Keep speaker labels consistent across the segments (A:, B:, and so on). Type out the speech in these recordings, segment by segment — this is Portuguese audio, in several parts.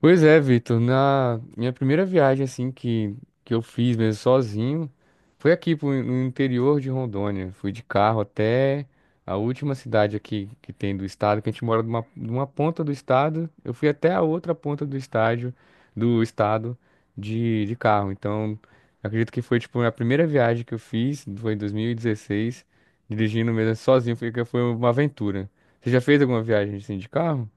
A: Pois é, Vitor, na minha primeira viagem assim que eu fiz mesmo sozinho foi no interior de Rondônia. Fui de carro até a última cidade aqui que tem do estado, que a gente mora numa ponta do estado. Eu fui até a outra ponta do estado de carro. Então, acredito que foi tipo a primeira viagem que eu fiz, foi em 2016, dirigindo mesmo sozinho, foi uma aventura. Você já fez alguma viagem assim de carro?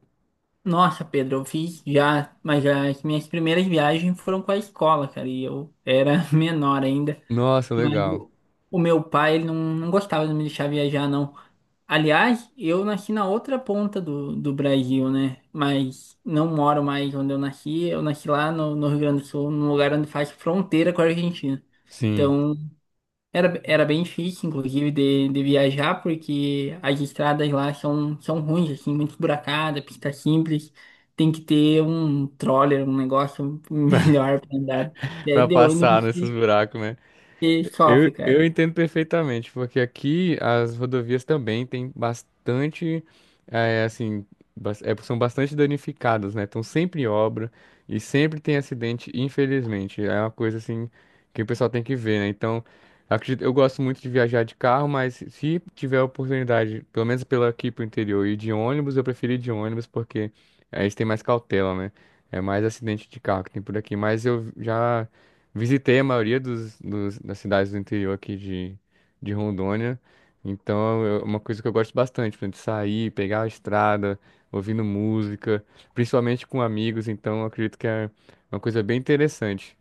B: Nossa, Pedro, eu fiz já, mas já as minhas primeiras viagens foram com a escola, cara, e eu era menor ainda,
A: Nossa,
B: mas
A: legal.
B: o, o meu pai, ele não gostava de me deixar viajar, não. Aliás, eu nasci na outra ponta do Brasil, né, mas não moro mais onde eu nasci lá no Rio Grande do Sul, num lugar onde faz fronteira com a Argentina.
A: Sim.
B: Então, era bem difícil, inclusive, de viajar, porque as estradas lá são ruins, assim, muito esburacada, pista simples. Tem que ter um troller, um negócio melhor pra andar. É
A: Pra
B: de
A: passar
B: ônibus
A: nesses
B: que,
A: buracos, né?
B: que
A: Eu,
B: sofre,
A: eu
B: cara.
A: entendo perfeitamente, porque aqui as rodovias também têm bastante, é, assim, são bastante danificadas, né? Estão sempre em obra e sempre tem acidente, infelizmente. É uma coisa, assim, que o pessoal tem que ver, né? Então, acredito, eu gosto muito de viajar de carro, mas se tiver a oportunidade, pelo menos pela aqui pro interior, e de ônibus, eu prefiro ir de ônibus, porque aí eles têm mais cautela, né? É mais acidente de carro que tem por aqui, mas eu já. Visitei a maioria das cidades do interior aqui de Rondônia. Então, é uma coisa que eu gosto bastante, por exemplo, de sair, pegar a estrada, ouvindo música, principalmente com amigos. Então, eu acredito que é uma coisa bem interessante.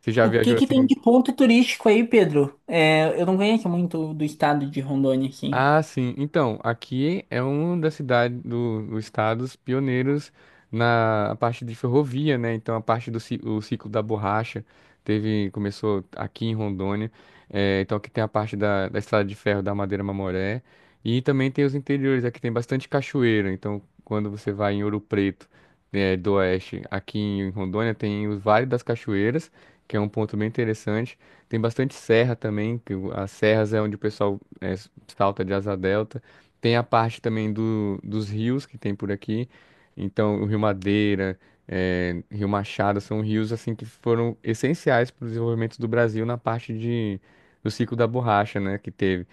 A: Você já
B: O que
A: viajou
B: que tem
A: assim.
B: de ponto turístico aí, Pedro? É, eu não conheço muito do estado de Rondônia, assim.
A: Ah, sim. Então, aqui é um das cidades dos estados pioneiros na parte de ferrovia, né? Então, a parte do ci- o ciclo da borracha teve começou aqui em Rondônia. Então, aqui tem a parte da estrada de ferro da Madeira Mamoré e também tem os interiores. Aqui tem bastante cachoeira. Então, quando você vai em Ouro Preto, do oeste, aqui em Rondônia tem o Vale das Cachoeiras, que é um ponto bem interessante. Tem bastante serra também, que as serras é onde o pessoal é, salta de Asa Delta. Tem a parte também dos rios que tem por aqui. Então, o Rio Madeira, é, Rio Machado são rios assim que foram essenciais para o desenvolvimento do Brasil na parte de, do ciclo da borracha, né, que teve.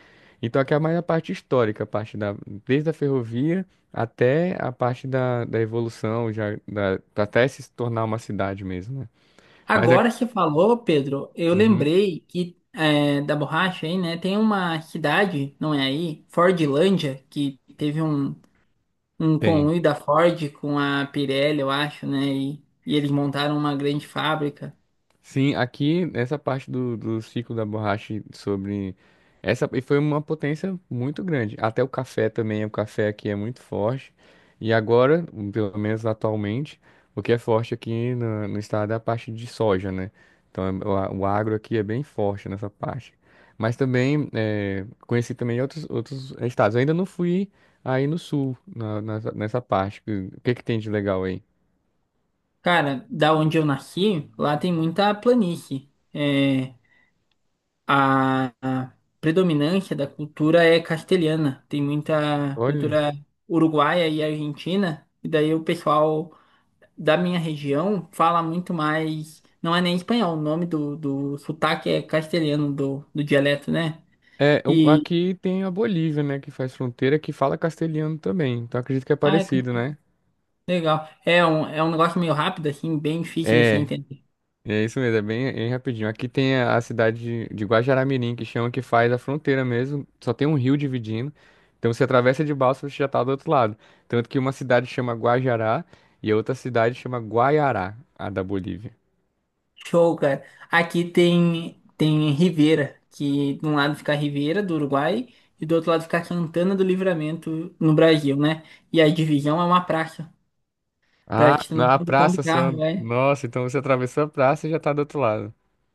A: Então, aqui é mais a parte histórica, desde a ferrovia até a parte da evolução, já, até se tornar uma cidade mesmo, né? Mas é,
B: Agora você falou, Pedro, eu
A: uhum,
B: lembrei que é, da borracha aí, né? Tem uma cidade, não é aí? Fordlândia, que teve um
A: tem.
B: conluio da Ford com a Pirelli, eu acho, né? E eles montaram uma grande fábrica.
A: Sim, aqui essa parte do ciclo da borracha sobre essa e foi uma potência muito grande. Até o café também, o café aqui é muito forte. E agora, pelo menos atualmente, o que é forte aqui no estado é a parte de soja, né? Então o agro aqui é bem forte nessa parte. Mas também conheci também outros estados. Eu ainda não fui aí no sul nessa nessa, parte. O que que tem de legal aí?
B: Cara, da onde eu nasci, lá tem muita planície. É, a predominância da cultura é castelhana. Tem muita
A: Olha.
B: cultura uruguaia e argentina. E daí o pessoal da minha região fala muito mais. Não é nem espanhol, o nome do sotaque é castelhano do dialeto, né? E.
A: Aqui tem a Bolívia, né, que faz fronteira, que fala castelhano também. Então acredito que é
B: Ah, é
A: parecido, né?
B: legal. É um negócio meio rápido, assim, bem difícil de se
A: É,
B: entender.
A: é isso mesmo, é bem, é rapidinho. Aqui tem a cidade de Guajará-Mirim, que chama que faz a fronteira mesmo. Só tem um rio dividindo. Então você atravessa de balsa, você já tá do outro lado. Tanto que uma cidade chama Guajará e a outra cidade chama Guaiará, a da Bolívia.
B: Show, cara. Aqui tem Rivera, que de um lado fica Rivera, do Uruguai, e do outro lado fica Santana do Livramento, no Brasil, né? E a divisão é uma praça. Pra
A: Ah,
B: gente não
A: na
B: saber como
A: praça, só.
B: carro, né?
A: Nossa, então você atravessou a praça e já tá do outro lado.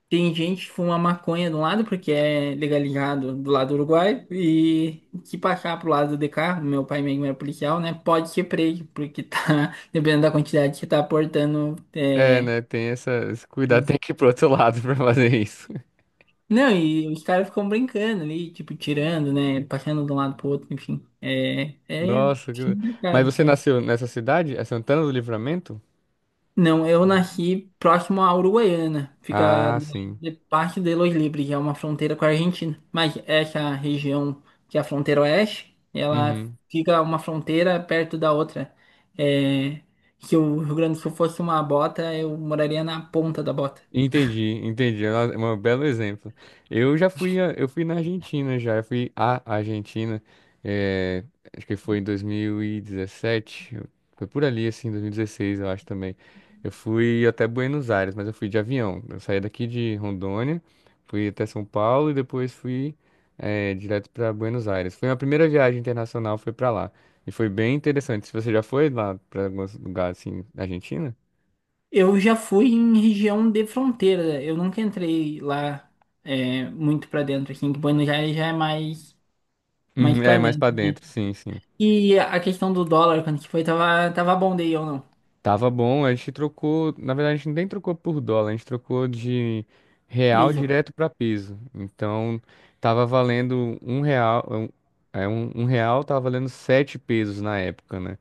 B: Tem gente que fuma maconha de um lado, porque é legalizado do lado do Uruguai, e se passar pro lado de cá, meu pai mesmo é policial, né? Pode ser preso, porque tá, dependendo da quantidade que tá aportando,
A: É,
B: é.
A: né? Tem essa, esse cuidado, tem que ir pro outro lado pra fazer isso.
B: Não, e os caras ficam brincando ali, tipo, tirando, né? Passando de um lado pro outro, enfim. É
A: Nossa, que- mas
B: complicado,
A: você
B: cara.
A: nasceu nessa cidade? É Santana do Livramento?
B: Não, eu nasci próximo à Uruguaiana. Fica
A: Ah,
B: do lado
A: sim.
B: de parte de Los Libres, é uma fronteira com a Argentina. Mas essa região, que é a fronteira oeste, ela
A: Uhum.
B: fica uma fronteira perto da outra. É, se o Rio Grande do Sul fosse uma bota, eu moraria na ponta da bota.
A: Entendi, entendi. É um belo exemplo. Eu fui na Argentina já, eu fui à Argentina, eh, acho que foi em 2017, foi por ali assim, 2016 eu acho também. Eu fui até Buenos Aires, mas eu fui de avião. Eu saí daqui de Rondônia, fui até São Paulo e depois fui, direto para Buenos Aires. Foi a primeira viagem internacional, foi para lá e foi bem interessante. Se você já foi lá para alguns lugares assim, na Argentina?
B: Eu já fui em região de fronteira. Eu nunca entrei lá é, muito pra dentro, assim, que Buenos Aires já é mais
A: Uhum,
B: para
A: é mais
B: dentro,
A: para
B: né?
A: dentro, sim, sim.
B: E a questão do dólar, quando que foi, tava bom daí ou não?
A: Tava bom, a gente trocou, na verdade a gente nem trocou por dólar, a gente trocou de real
B: Beijo.
A: direto para peso. Então tava valendo um real, um, é, um real tava valendo 7 pesos na época, né?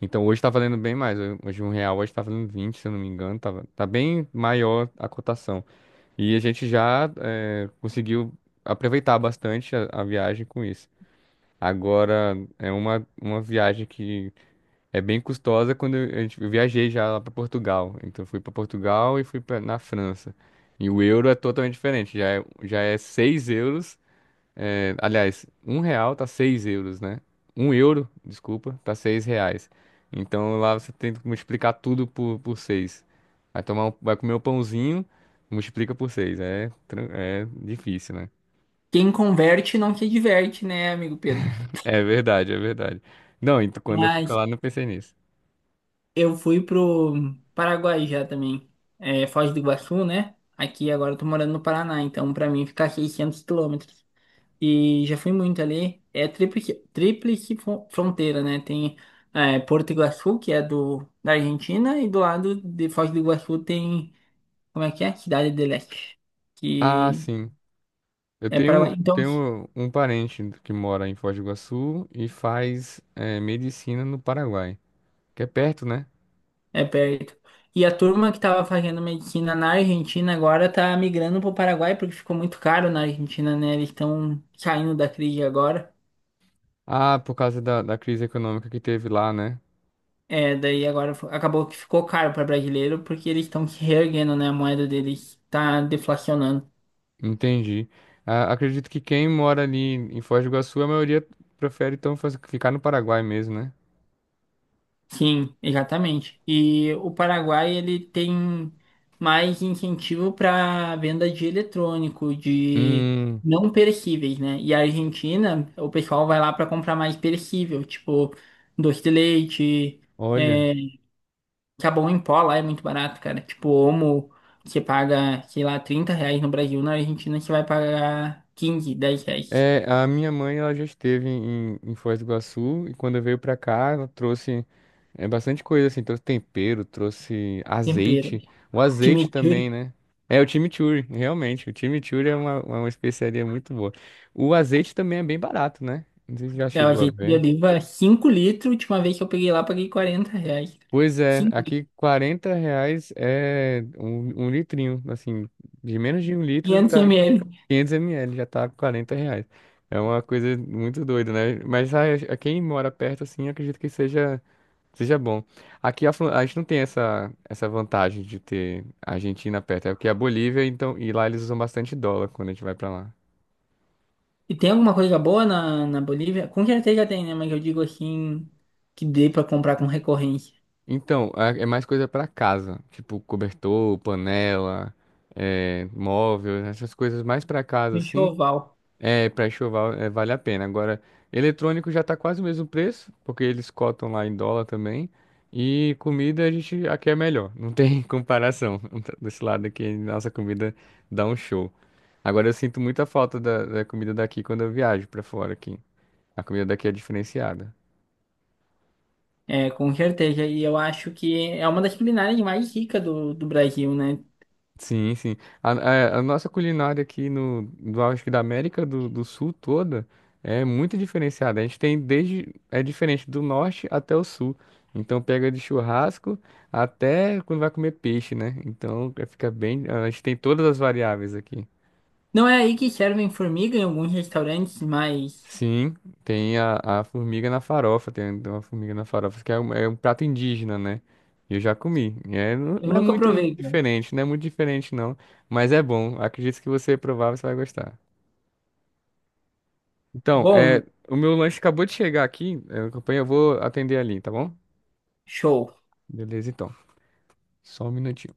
A: Então hoje tá valendo bem mais, hoje um real hoje tá valendo 20, se eu não me engano, tava, tá bem maior a cotação. E a gente já é, conseguiu aproveitar bastante a viagem com isso. Agora é uma viagem que é bem custosa quando eu viajei já lá para Portugal. Então fui para Portugal e fui na França. E o euro é totalmente diferente. Já é 6 euros. É, aliás, um real tá 6 euros, né? Um euro, desculpa, tá 6 reais. Então lá você tem que multiplicar tudo por 6. Vai comer um pãozinho, multiplica por 6. É, é difícil, né?
B: Quem converte não se diverte, né, amigo Pedro?
A: É verdade, é verdade. Não, então quando eu fui pra
B: Mas
A: lá não pensei nisso.
B: eu fui pro Paraguai já também, é, Foz do Iguaçu, né? Aqui agora eu tô morando no Paraná, então pra mim ficar 600 km. E já fui muito ali. É tríplice fronteira, né? Tem é, Porto Iguaçu, que é da Argentina, e do lado de Foz do Iguaçu tem, como é que é? Cidade de Leste,
A: Ah,
B: que
A: sim.
B: é Paraguai. Então,
A: Tenho um parente que mora em Foz do Iguaçu e faz medicina no Paraguai, que é perto, né?
B: é perto. E a turma que estava fazendo medicina na Argentina agora tá migrando pro Paraguai, porque ficou muito caro na Argentina, né? Eles estão saindo da crise agora.
A: Ah, por causa da crise econômica que teve lá, né?
B: É, daí agora acabou que ficou caro para brasileiro, porque eles estão se reerguendo, né? A moeda deles tá deflacionando.
A: Entendi. Ah, acredito que quem mora ali em Foz do Iguaçu, a maioria prefere então ficar no Paraguai mesmo, né?
B: Sim, exatamente. E o Paraguai ele tem mais incentivo para venda de eletrônico, de
A: Hum,
B: não perecíveis, né? E a Argentina, o pessoal vai lá para comprar mais perecível, tipo doce de leite,
A: olha.
B: é, sabão em pó lá é muito barato, cara. Tipo, Omo, você paga, sei lá, R$ 30 no Brasil, na Argentina você vai pagar 15, R$ 10.
A: É, a minha mãe ela já esteve em Foz do Iguaçu e quando veio pra cá ela trouxe bastante coisa assim, trouxe tempero, trouxe
B: Tempero,
A: azeite, o azeite também,
B: chimichurri.
A: né? É o chimichurri, realmente, o chimichurri é uma especiaria muito boa. O azeite também é bem barato, né? Não sei se já
B: É, a
A: chegou a
B: gente de
A: ver.
B: oliva 5 litros. Última vez que eu peguei lá, paguei R$ 40.
A: Pois é,
B: 5 litros,
A: aqui R$ 40 é um, um litrinho, assim, de menos de um litro
B: 500
A: tá
B: ml.
A: 500 ml já tá R$ 40. É uma coisa muito doida, né? Mas a quem mora perto, assim, acredito que seja, seja bom. Aqui a gente não tem essa, essa vantagem de ter a Argentina perto. É porque a Bolívia, então, e lá eles usam bastante dólar quando a gente vai pra lá.
B: E tem alguma coisa boa na Bolívia? Com certeza tem, né? Mas eu digo assim, que dê pra comprar com recorrência.
A: Então, é mais coisa pra casa. Tipo, cobertor, panela, é, móvel, essas coisas mais pra casa,
B: Um
A: assim.
B: Enxoval.
A: É, pré-chuval é, vale a pena. Agora, eletrônico já tá quase o mesmo preço, porque eles cotam lá em dólar também. E comida a gente aqui é melhor, não tem comparação. Desse lado aqui, nossa comida dá um show. Agora eu sinto muita falta da comida daqui quando eu viajo pra fora aqui. A comida daqui é diferenciada.
B: É, com certeza. E eu acho que é uma das culinárias mais ricas do Brasil, né?
A: Sim, sim. A nossa culinária aqui no, do, acho que da América do Sul toda é muito diferenciada. A gente tem desde, é diferente do norte até o sul. Então pega de churrasco até quando vai comer peixe, né? Fica bem, a gente tem todas as variáveis aqui.
B: Não é aí que servem formiga em alguns restaurantes, mas
A: Sim, tem a formiga na farofa, tem uma formiga na farofa, que é é um prato indígena, né? Eu já comi. E É,
B: eu
A: não é
B: nunca
A: muito
B: provei, né?
A: diferente, não, mas é bom. Acredito que você provar, você vai gostar. Então,
B: Bom,
A: é, o meu lanche acabou de chegar aqui, é, campanha, eu vou atender ali, tá bom?
B: show.
A: Beleza, então. Só um minutinho.